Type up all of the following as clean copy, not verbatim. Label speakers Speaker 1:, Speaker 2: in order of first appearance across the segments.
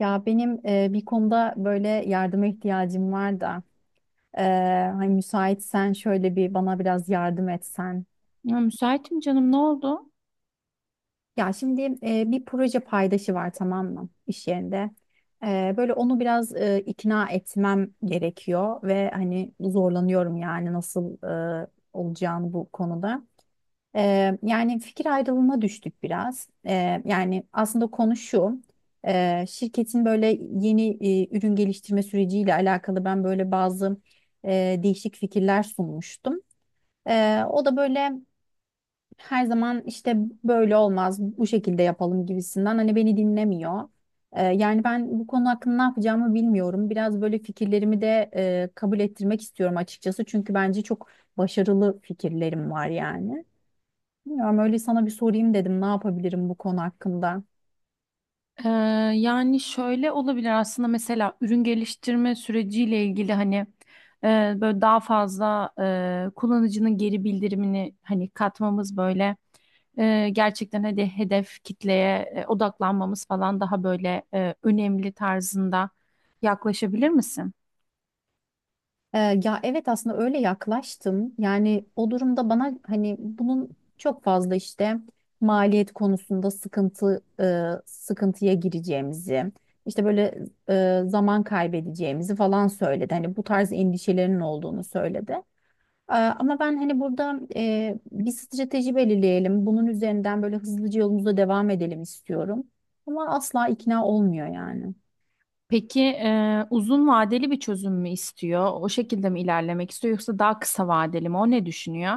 Speaker 1: Ya benim bir konuda böyle yardıma ihtiyacım var da e, hani müsaitsen şöyle bir bana biraz yardım etsen.
Speaker 2: Ya müsaitim canım, ne oldu?
Speaker 1: Ya şimdi bir proje paydaşı var, tamam mı, iş yerinde. Böyle onu biraz ikna etmem gerekiyor ve hani zorlanıyorum yani nasıl e, olacağını bu konuda. Yani fikir ayrılığına düştük biraz. Yani aslında konu şu. Şirketin böyle yeni ürün geliştirme süreciyle alakalı ben böyle bazı değişik fikirler sunmuştum. O da böyle her zaman işte böyle olmaz, bu şekilde yapalım gibisinden hani beni dinlemiyor. Yani ben bu konu hakkında ne yapacağımı bilmiyorum. Biraz böyle fikirlerimi de kabul ettirmek istiyorum açıkçası. Çünkü bence çok başarılı fikirlerim var yani. Bilmiyorum, öyle sana bir sorayım dedim, ne yapabilirim bu konu hakkında.
Speaker 2: Ee, Yani şöyle olabilir aslında, mesela ürün geliştirme süreciyle ilgili hani e, böyle daha fazla kullanıcının geri bildirimini hani katmamız, böyle gerçekten hadi hedef kitleye odaklanmamız falan daha böyle önemli tarzında yaklaşabilir misin?
Speaker 1: Ee, ya evet, aslında öyle yaklaştım. Yani o durumda bana hani bunun çok fazla işte maliyet konusunda sıkıntıya gireceğimizi, işte böyle zaman kaybedeceğimizi falan söyledi. Hani bu tarz endişelerinin olduğunu söyledi. Ama ben hani burada bir strateji belirleyelim. Bunun üzerinden böyle hızlıca yolumuza devam edelim istiyorum. Ama asla ikna olmuyor yani.
Speaker 2: Peki, uzun vadeli bir çözüm mü istiyor? O şekilde mi ilerlemek istiyor, yoksa daha kısa vadeli mi? O ne düşünüyor?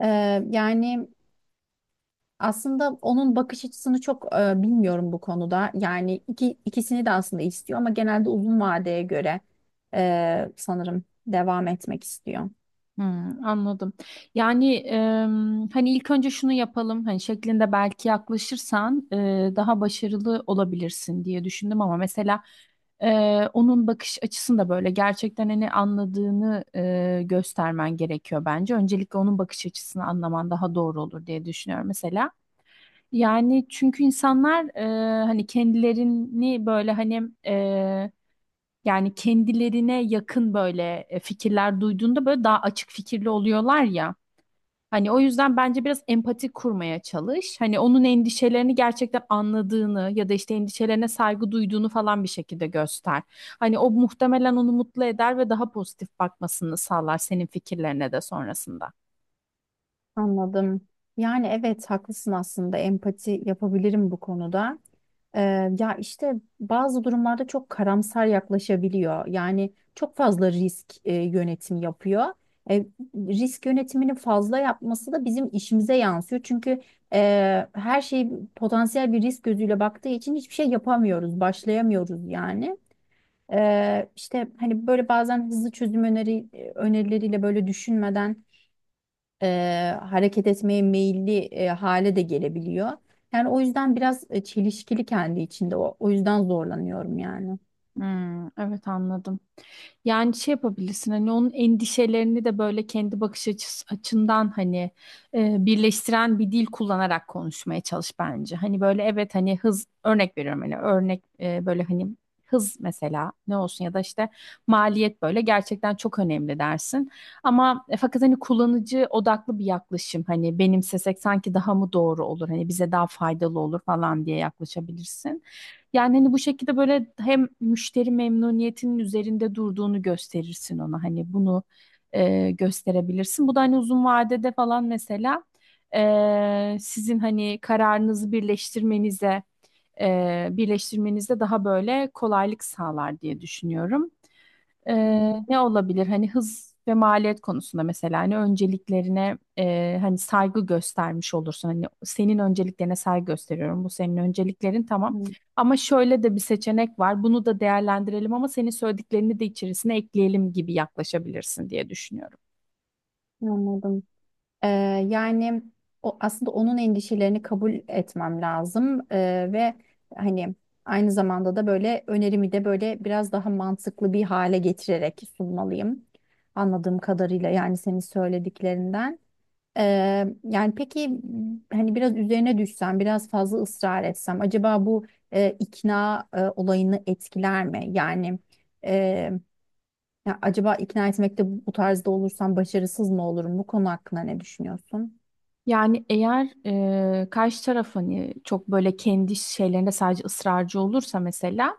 Speaker 1: Yani aslında onun bakış açısını çok bilmiyorum bu konuda. Yani ikisini de aslında istiyor ama genelde uzun vadeye göre sanırım devam etmek istiyor.
Speaker 2: Hmm, anladım. Yani hani ilk önce şunu yapalım hani şeklinde belki yaklaşırsan daha başarılı olabilirsin diye düşündüm, ama mesela e, onun bakış açısını da böyle gerçekten hani anladığını göstermen gerekiyor bence. Öncelikle onun bakış açısını anlaman daha doğru olur diye düşünüyorum mesela. Yani çünkü insanlar hani kendilerini böyle hani yani kendilerine yakın böyle fikirler duyduğunda böyle daha açık fikirli oluyorlar ya. Hani o yüzden bence biraz empati kurmaya çalış. Hani onun endişelerini gerçekten anladığını ya da işte endişelerine saygı duyduğunu falan bir şekilde göster. Hani o muhtemelen onu mutlu eder ve daha pozitif bakmasını sağlar senin fikirlerine de sonrasında.
Speaker 1: Anladım. Yani evet, haklısın, aslında empati yapabilirim bu konuda. Ee, ya işte bazı durumlarda çok karamsar yaklaşabiliyor. Yani çok fazla risk yönetimi yapıyor. E, risk yönetimini fazla yapması da bizim işimize yansıyor. Çünkü her şey potansiyel bir risk gözüyle baktığı için hiçbir şey yapamıyoruz, başlayamıyoruz yani. İşte hani böyle bazen hızlı çözüm önerileriyle böyle düşünmeden e, hareket etmeye meyilli hale de gelebiliyor. Yani o yüzden biraz çelişkili kendi içinde. O yüzden zorlanıyorum yani.
Speaker 2: Hmm, evet, anladım. Yani şey yapabilirsin, hani onun endişelerini de böyle kendi bakış açısı, açından hani birleştiren bir dil kullanarak konuşmaya çalış bence. Hani böyle evet, hani hız, örnek veriyorum, hani örnek böyle hani hız mesela ne olsun, ya da işte maliyet böyle gerçekten çok önemli dersin. Ama fakat hani kullanıcı odaklı bir yaklaşım hani benimsesek sanki daha mı doğru olur, hani bize daha faydalı olur falan diye yaklaşabilirsin. Yani hani bu şekilde böyle hem müşteri memnuniyetinin üzerinde durduğunu gösterirsin ona. Hani bunu gösterebilirsin. Bu da hani uzun vadede falan mesela sizin hani kararınızı birleştirmenize birleştirmenize daha böyle kolaylık sağlar diye düşünüyorum.
Speaker 1: Hmm,
Speaker 2: Ne olabilir? Hani hız ve maliyet konusunda mesela hani önceliklerine hani saygı göstermiş olursun. Hani senin önceliklerine saygı gösteriyorum. Bu senin önceliklerin, tamam.
Speaker 1: hmm,
Speaker 2: Ama şöyle de bir seçenek var. Bunu da değerlendirelim, ama senin söylediklerini de içerisine ekleyelim gibi yaklaşabilirsin diye düşünüyorum.
Speaker 1: anladım. Ee, yani o aslında onun endişelerini kabul etmem lazım ve hani aynı zamanda da böyle önerimi de böyle biraz daha mantıklı bir hale getirerek sunmalıyım. Anladığım kadarıyla yani, senin söylediklerinden. Yani peki, hani biraz üzerine düşsem, biraz fazla ısrar etsem, acaba bu ikna olayını etkiler mi? Yani e, ya acaba ikna etmekte bu tarzda olursam başarısız mı olurum? Bu konu hakkında ne düşünüyorsun?
Speaker 2: Yani eğer karşı taraf hani çok böyle kendi şeylerinde sadece ısrarcı olursa, mesela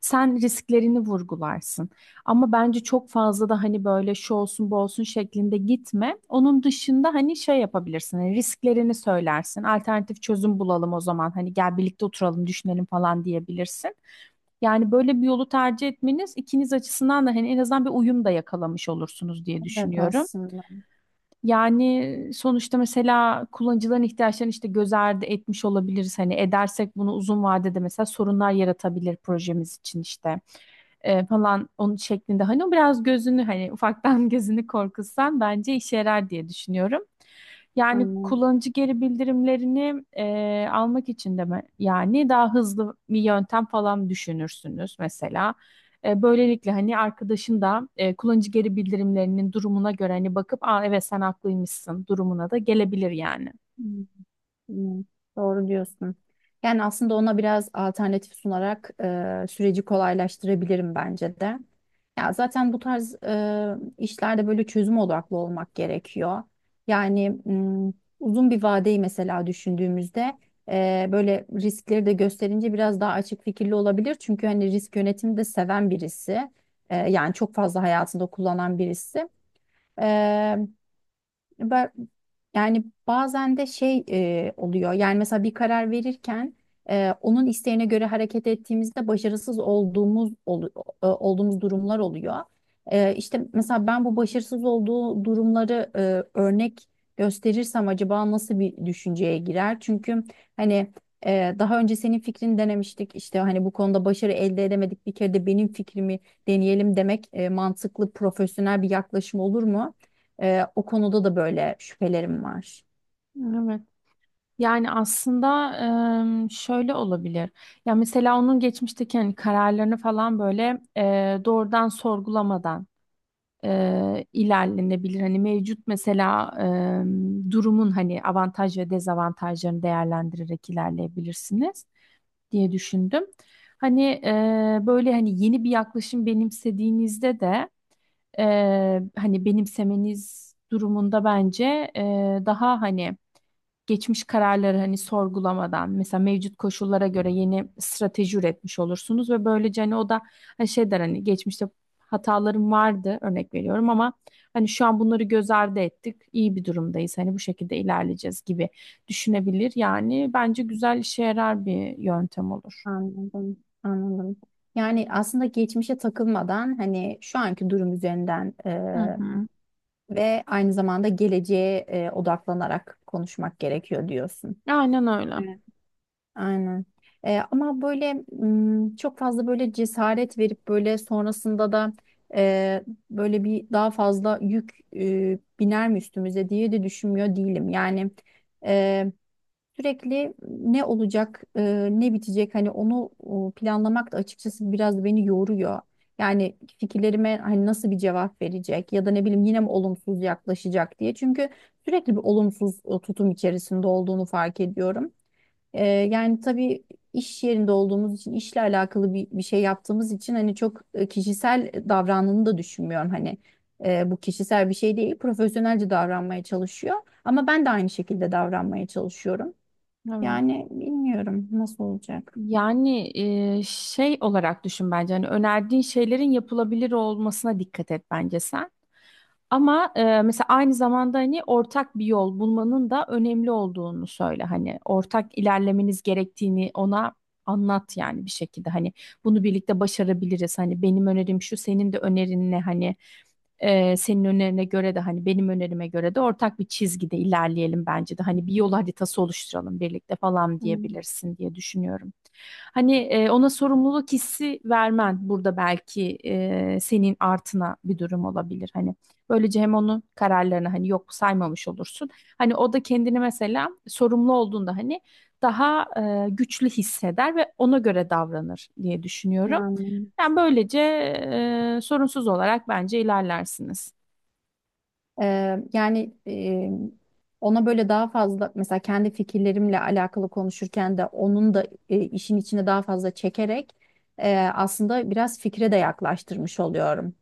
Speaker 2: sen risklerini vurgularsın. Ama bence çok fazla da hani böyle şu olsun bu olsun şeklinde gitme. Onun dışında hani şey yapabilirsin, hani risklerini söylersin. Alternatif çözüm bulalım o zaman, hani gel birlikte oturalım düşünelim falan diyebilirsin. Yani böyle bir yolu tercih etmeniz ikiniz açısından da hani en azından bir uyum da yakalamış olursunuz diye
Speaker 1: Evet,
Speaker 2: düşünüyorum.
Speaker 1: aslında
Speaker 2: Yani sonuçta mesela kullanıcıların ihtiyaçlarını işte göz ardı etmiş olabiliriz. Hani edersek bunu, uzun vadede mesela sorunlar yaratabilir projemiz için, işte falan onun şeklinde. Hani o biraz gözünü, hani ufaktan gözünü korkutsan bence işe yarar diye düşünüyorum. Yani
Speaker 1: anladım.
Speaker 2: kullanıcı geri bildirimlerini almak için de mi? Yani daha hızlı bir yöntem falan düşünürsünüz mesela. E, böylelikle hani arkadaşın da kullanıcı geri bildirimlerinin durumuna göre hani bakıp, aa evet sen haklıymışsın durumuna da gelebilir yani.
Speaker 1: Hmm, doğru diyorsun. Yani aslında ona biraz alternatif sunarak süreci kolaylaştırabilirim bence de. Ya zaten bu tarz işlerde böyle çözüm odaklı olmak gerekiyor. Yani uzun bir vadeyi mesela düşündüğümüzde böyle riskleri de gösterince biraz daha açık fikirli olabilir. Çünkü hani risk yönetimi de seven birisi. Yani çok fazla hayatında kullanan birisi. Ben, yani bazen de şey oluyor. Yani mesela bir karar verirken onun isteğine göre hareket ettiğimizde başarısız olduğumuz durumlar oluyor. E, işte mesela ben bu başarısız olduğu durumları örnek gösterirsem acaba nasıl bir düşünceye girer? Çünkü hani daha önce senin fikrini denemiştik. İşte hani bu konuda başarı elde edemedik. Bir kere de benim fikrimi deneyelim demek mantıklı, profesyonel bir yaklaşım olur mu? O konuda da böyle şüphelerim var.
Speaker 2: Evet. Yani aslında şöyle olabilir. Ya mesela onun geçmişteki hani kararlarını falan böyle doğrudan sorgulamadan ilerlenebilir. Hani mevcut mesela durumun hani avantaj ve dezavantajlarını değerlendirerek ilerleyebilirsiniz diye düşündüm. Hani böyle hani yeni bir yaklaşım benimsediğinizde de e, hani benimsemeniz durumunda bence e, daha hani geçmiş kararları hani sorgulamadan, mesela mevcut koşullara göre yeni strateji üretmiş olursunuz, ve böylece hani o da hani şey der, hani geçmişte hatalarım vardı, örnek veriyorum, ama hani şu an bunları göz ardı ettik iyi bir durumdayız, hani bu şekilde ilerleyeceğiz gibi düşünebilir, yani bence güzel işe yarar bir yöntem olur.
Speaker 1: Anladım, anladım. Yani aslında geçmişe takılmadan hani şu anki durum üzerinden
Speaker 2: Hı hı.
Speaker 1: ve aynı zamanda geleceğe odaklanarak konuşmak gerekiyor diyorsun.
Speaker 2: Aynen öyle.
Speaker 1: Evet. Aynen. Ama böyle çok fazla böyle cesaret verip böyle sonrasında da e, böyle bir daha fazla yük biner mi üstümüze diye de düşünmüyor değilim. Yani sürekli ne olacak, ne bitecek, hani onu planlamak da açıkçası biraz beni yoruyor. Yani fikirlerime hani nasıl bir cevap verecek ya da ne bileyim yine mi olumsuz yaklaşacak diye. Çünkü sürekli bir olumsuz tutum içerisinde olduğunu fark ediyorum. Yani tabii, iş yerinde olduğumuz için, işle alakalı bir şey yaptığımız için hani çok kişisel davrandığını da düşünmüyorum hani. Bu kişisel bir şey değil, profesyonelce davranmaya çalışıyor. Ama ben de aynı şekilde davranmaya çalışıyorum.
Speaker 2: Evet.
Speaker 1: Yani bilmiyorum nasıl olacak.
Speaker 2: Yani şey olarak düşün bence, hani önerdiğin şeylerin yapılabilir olmasına dikkat et bence sen. Ama mesela aynı zamanda hani ortak bir yol bulmanın da önemli olduğunu söyle. Hani ortak ilerlemeniz gerektiğini ona anlat yani bir şekilde. Hani bunu birlikte başarabiliriz. Hani benim önerim şu, senin de önerin ne? Hani senin önerine göre de hani benim önerime göre de ortak bir çizgide ilerleyelim bence de. Hani bir yol haritası oluşturalım birlikte falan
Speaker 1: Hmm,
Speaker 2: diyebilirsin diye düşünüyorum. Hani ona sorumluluk hissi vermen burada belki senin artına bir durum olabilir. Hani böylece hem onun kararlarını hani yok saymamış olursun. Hani o da kendini mesela sorumlu olduğunda hani daha güçlü hisseder ve ona göre davranır diye düşünüyorum.
Speaker 1: yani.
Speaker 2: Yani böylece sorunsuz olarak bence ilerlersiniz.
Speaker 1: Yani ona böyle daha fazla mesela kendi fikirlerimle alakalı konuşurken de onun da işin içine daha fazla çekerek aslında biraz fikre de yaklaştırmış oluyorum.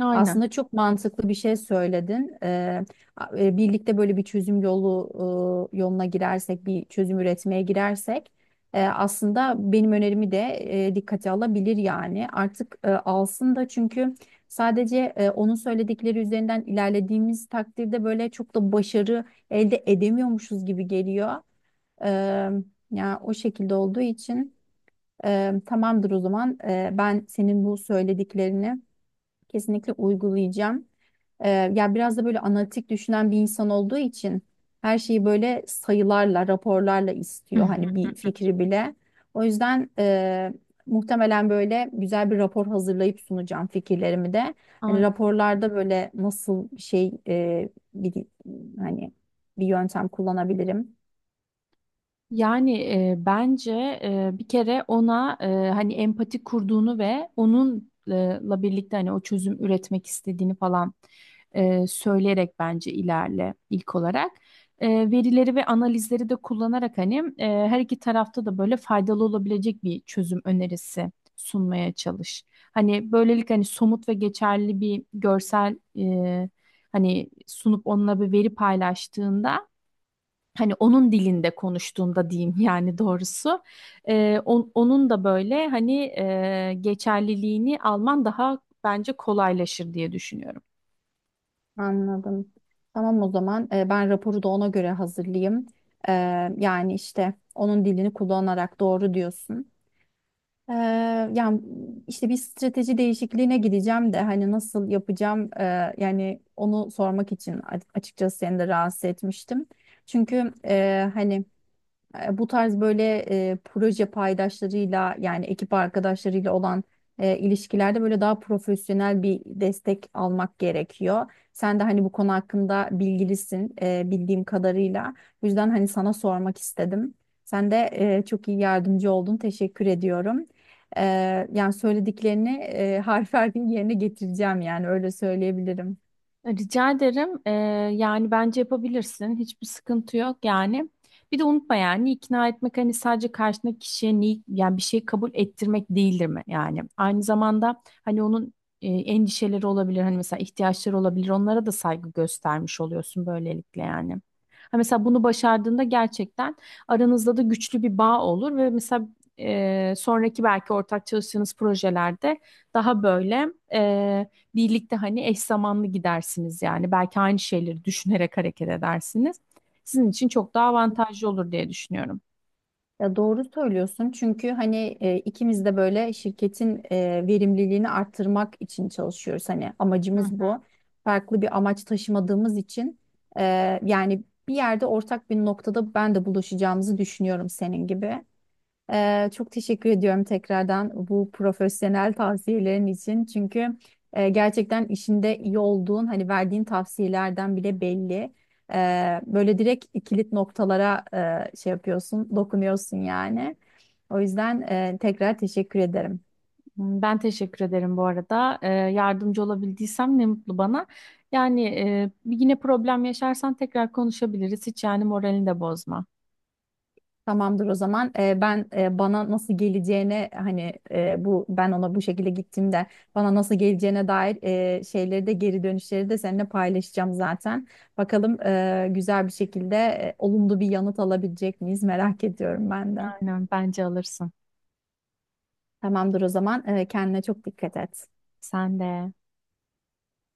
Speaker 2: Aynen.
Speaker 1: Aslında çok mantıklı bir şey söyledin. Birlikte böyle bir çözüm yoluna girersek, bir çözüm üretmeye girersek, aslında benim önerimi de dikkate alabilir yani. Artık alsın da, çünkü sadece onun söyledikleri üzerinden ilerlediğimiz takdirde böyle çok da başarı elde edemiyormuşuz gibi geliyor. Eee Ya o şekilde olduğu için tamamdır o zaman, ben senin bu söylediklerini kesinlikle uygulayacağım. Ya biraz da böyle analitik düşünen bir insan olduğu için her şeyi böyle sayılarla, raporlarla istiyor. Hani bir fikri bile. O yüzden muhtemelen böyle güzel bir rapor hazırlayıp sunacağım fikirlerimi de. Hani
Speaker 2: Aynen.
Speaker 1: raporlarda böyle nasıl bir şey bir hani bir yöntem kullanabilirim.
Speaker 2: Yani bence bir kere ona hani empati kurduğunu ve onunla birlikte hani o çözüm üretmek istediğini falan söyleyerek bence ilerle ilk olarak. E, verileri ve analizleri de kullanarak hani her iki tarafta da böyle faydalı olabilecek bir çözüm önerisi sunmaya çalış. Hani böylelikle hani somut ve geçerli bir görsel hani sunup onunla bir veri paylaştığında, hani onun dilinde konuştuğunda diyeyim yani doğrusu onun da böyle hani geçerliliğini alman daha bence kolaylaşır diye düşünüyorum.
Speaker 1: Anladım. Tamam, o zaman ben raporu da ona göre hazırlayayım. Ee, yani işte onun dilini kullanarak, doğru diyorsun. Ee, yani işte bir strateji değişikliğine gideceğim de hani nasıl yapacağım, yani onu sormak için açıkçası seni de rahatsız etmiştim. Çünkü hani bu tarz böyle proje paydaşlarıyla yani ekip arkadaşlarıyla olan ilişkilerde böyle daha profesyonel bir destek almak gerekiyor. Sen de hani bu konu hakkında bilgilisin bildiğim kadarıyla. Bu yüzden hani sana sormak istedim. Sen de çok iyi yardımcı oldun. Teşekkür ediyorum. E, yani söylediklerini harf harfin yerine getireceğim yani, öyle söyleyebilirim.
Speaker 2: Rica ederim. Yani bence yapabilirsin. Hiçbir sıkıntı yok yani. Bir de unutma, yani ikna etmek hani sadece karşındaki kişiye ni yani bir şey kabul ettirmek değildir mi yani. Aynı zamanda hani onun endişeleri olabilir. Hani mesela ihtiyaçları olabilir. Onlara da saygı göstermiş oluyorsun böylelikle yani. Ha mesela bunu başardığında gerçekten aranızda da güçlü bir bağ olur ve mesela sonraki belki ortak çalıştığınız projelerde daha böyle e, birlikte hani eş zamanlı gidersiniz yani. Belki aynı şeyleri düşünerek hareket edersiniz. Sizin için çok daha avantajlı olur diye düşünüyorum.
Speaker 1: Ya doğru söylüyorsun, çünkü hani ikimiz de böyle şirketin verimliliğini arttırmak için çalışıyoruz. Hani
Speaker 2: Hı.
Speaker 1: amacımız bu. Farklı bir amaç taşımadığımız için e, yani bir yerde ortak bir noktada ben de buluşacağımızı düşünüyorum senin gibi. Çok teşekkür ediyorum tekrardan bu profesyonel tavsiyelerin için. Çünkü gerçekten işinde iyi olduğun, hani verdiğin tavsiyelerden bile belli. Böyle direkt kilit noktalara şey yapıyorsun, dokunuyorsun yani. O yüzden tekrar teşekkür ederim.
Speaker 2: Ben teşekkür ederim bu arada. Yardımcı olabildiysem ne mutlu bana. Yani yine problem yaşarsan tekrar konuşabiliriz. Hiç yani, moralini de bozma.
Speaker 1: Tamamdır o zaman. Bana nasıl geleceğine hani, bu ben ona bu şekilde gittiğimde bana nasıl geleceğine dair şeyleri de, geri dönüşleri de seninle paylaşacağım zaten. Bakalım, güzel bir şekilde olumlu bir yanıt alabilecek miyiz, merak ediyorum ben de.
Speaker 2: Aynen, bence alırsın.
Speaker 1: Tamamdır o zaman. Kendine çok dikkat et.
Speaker 2: Sen de.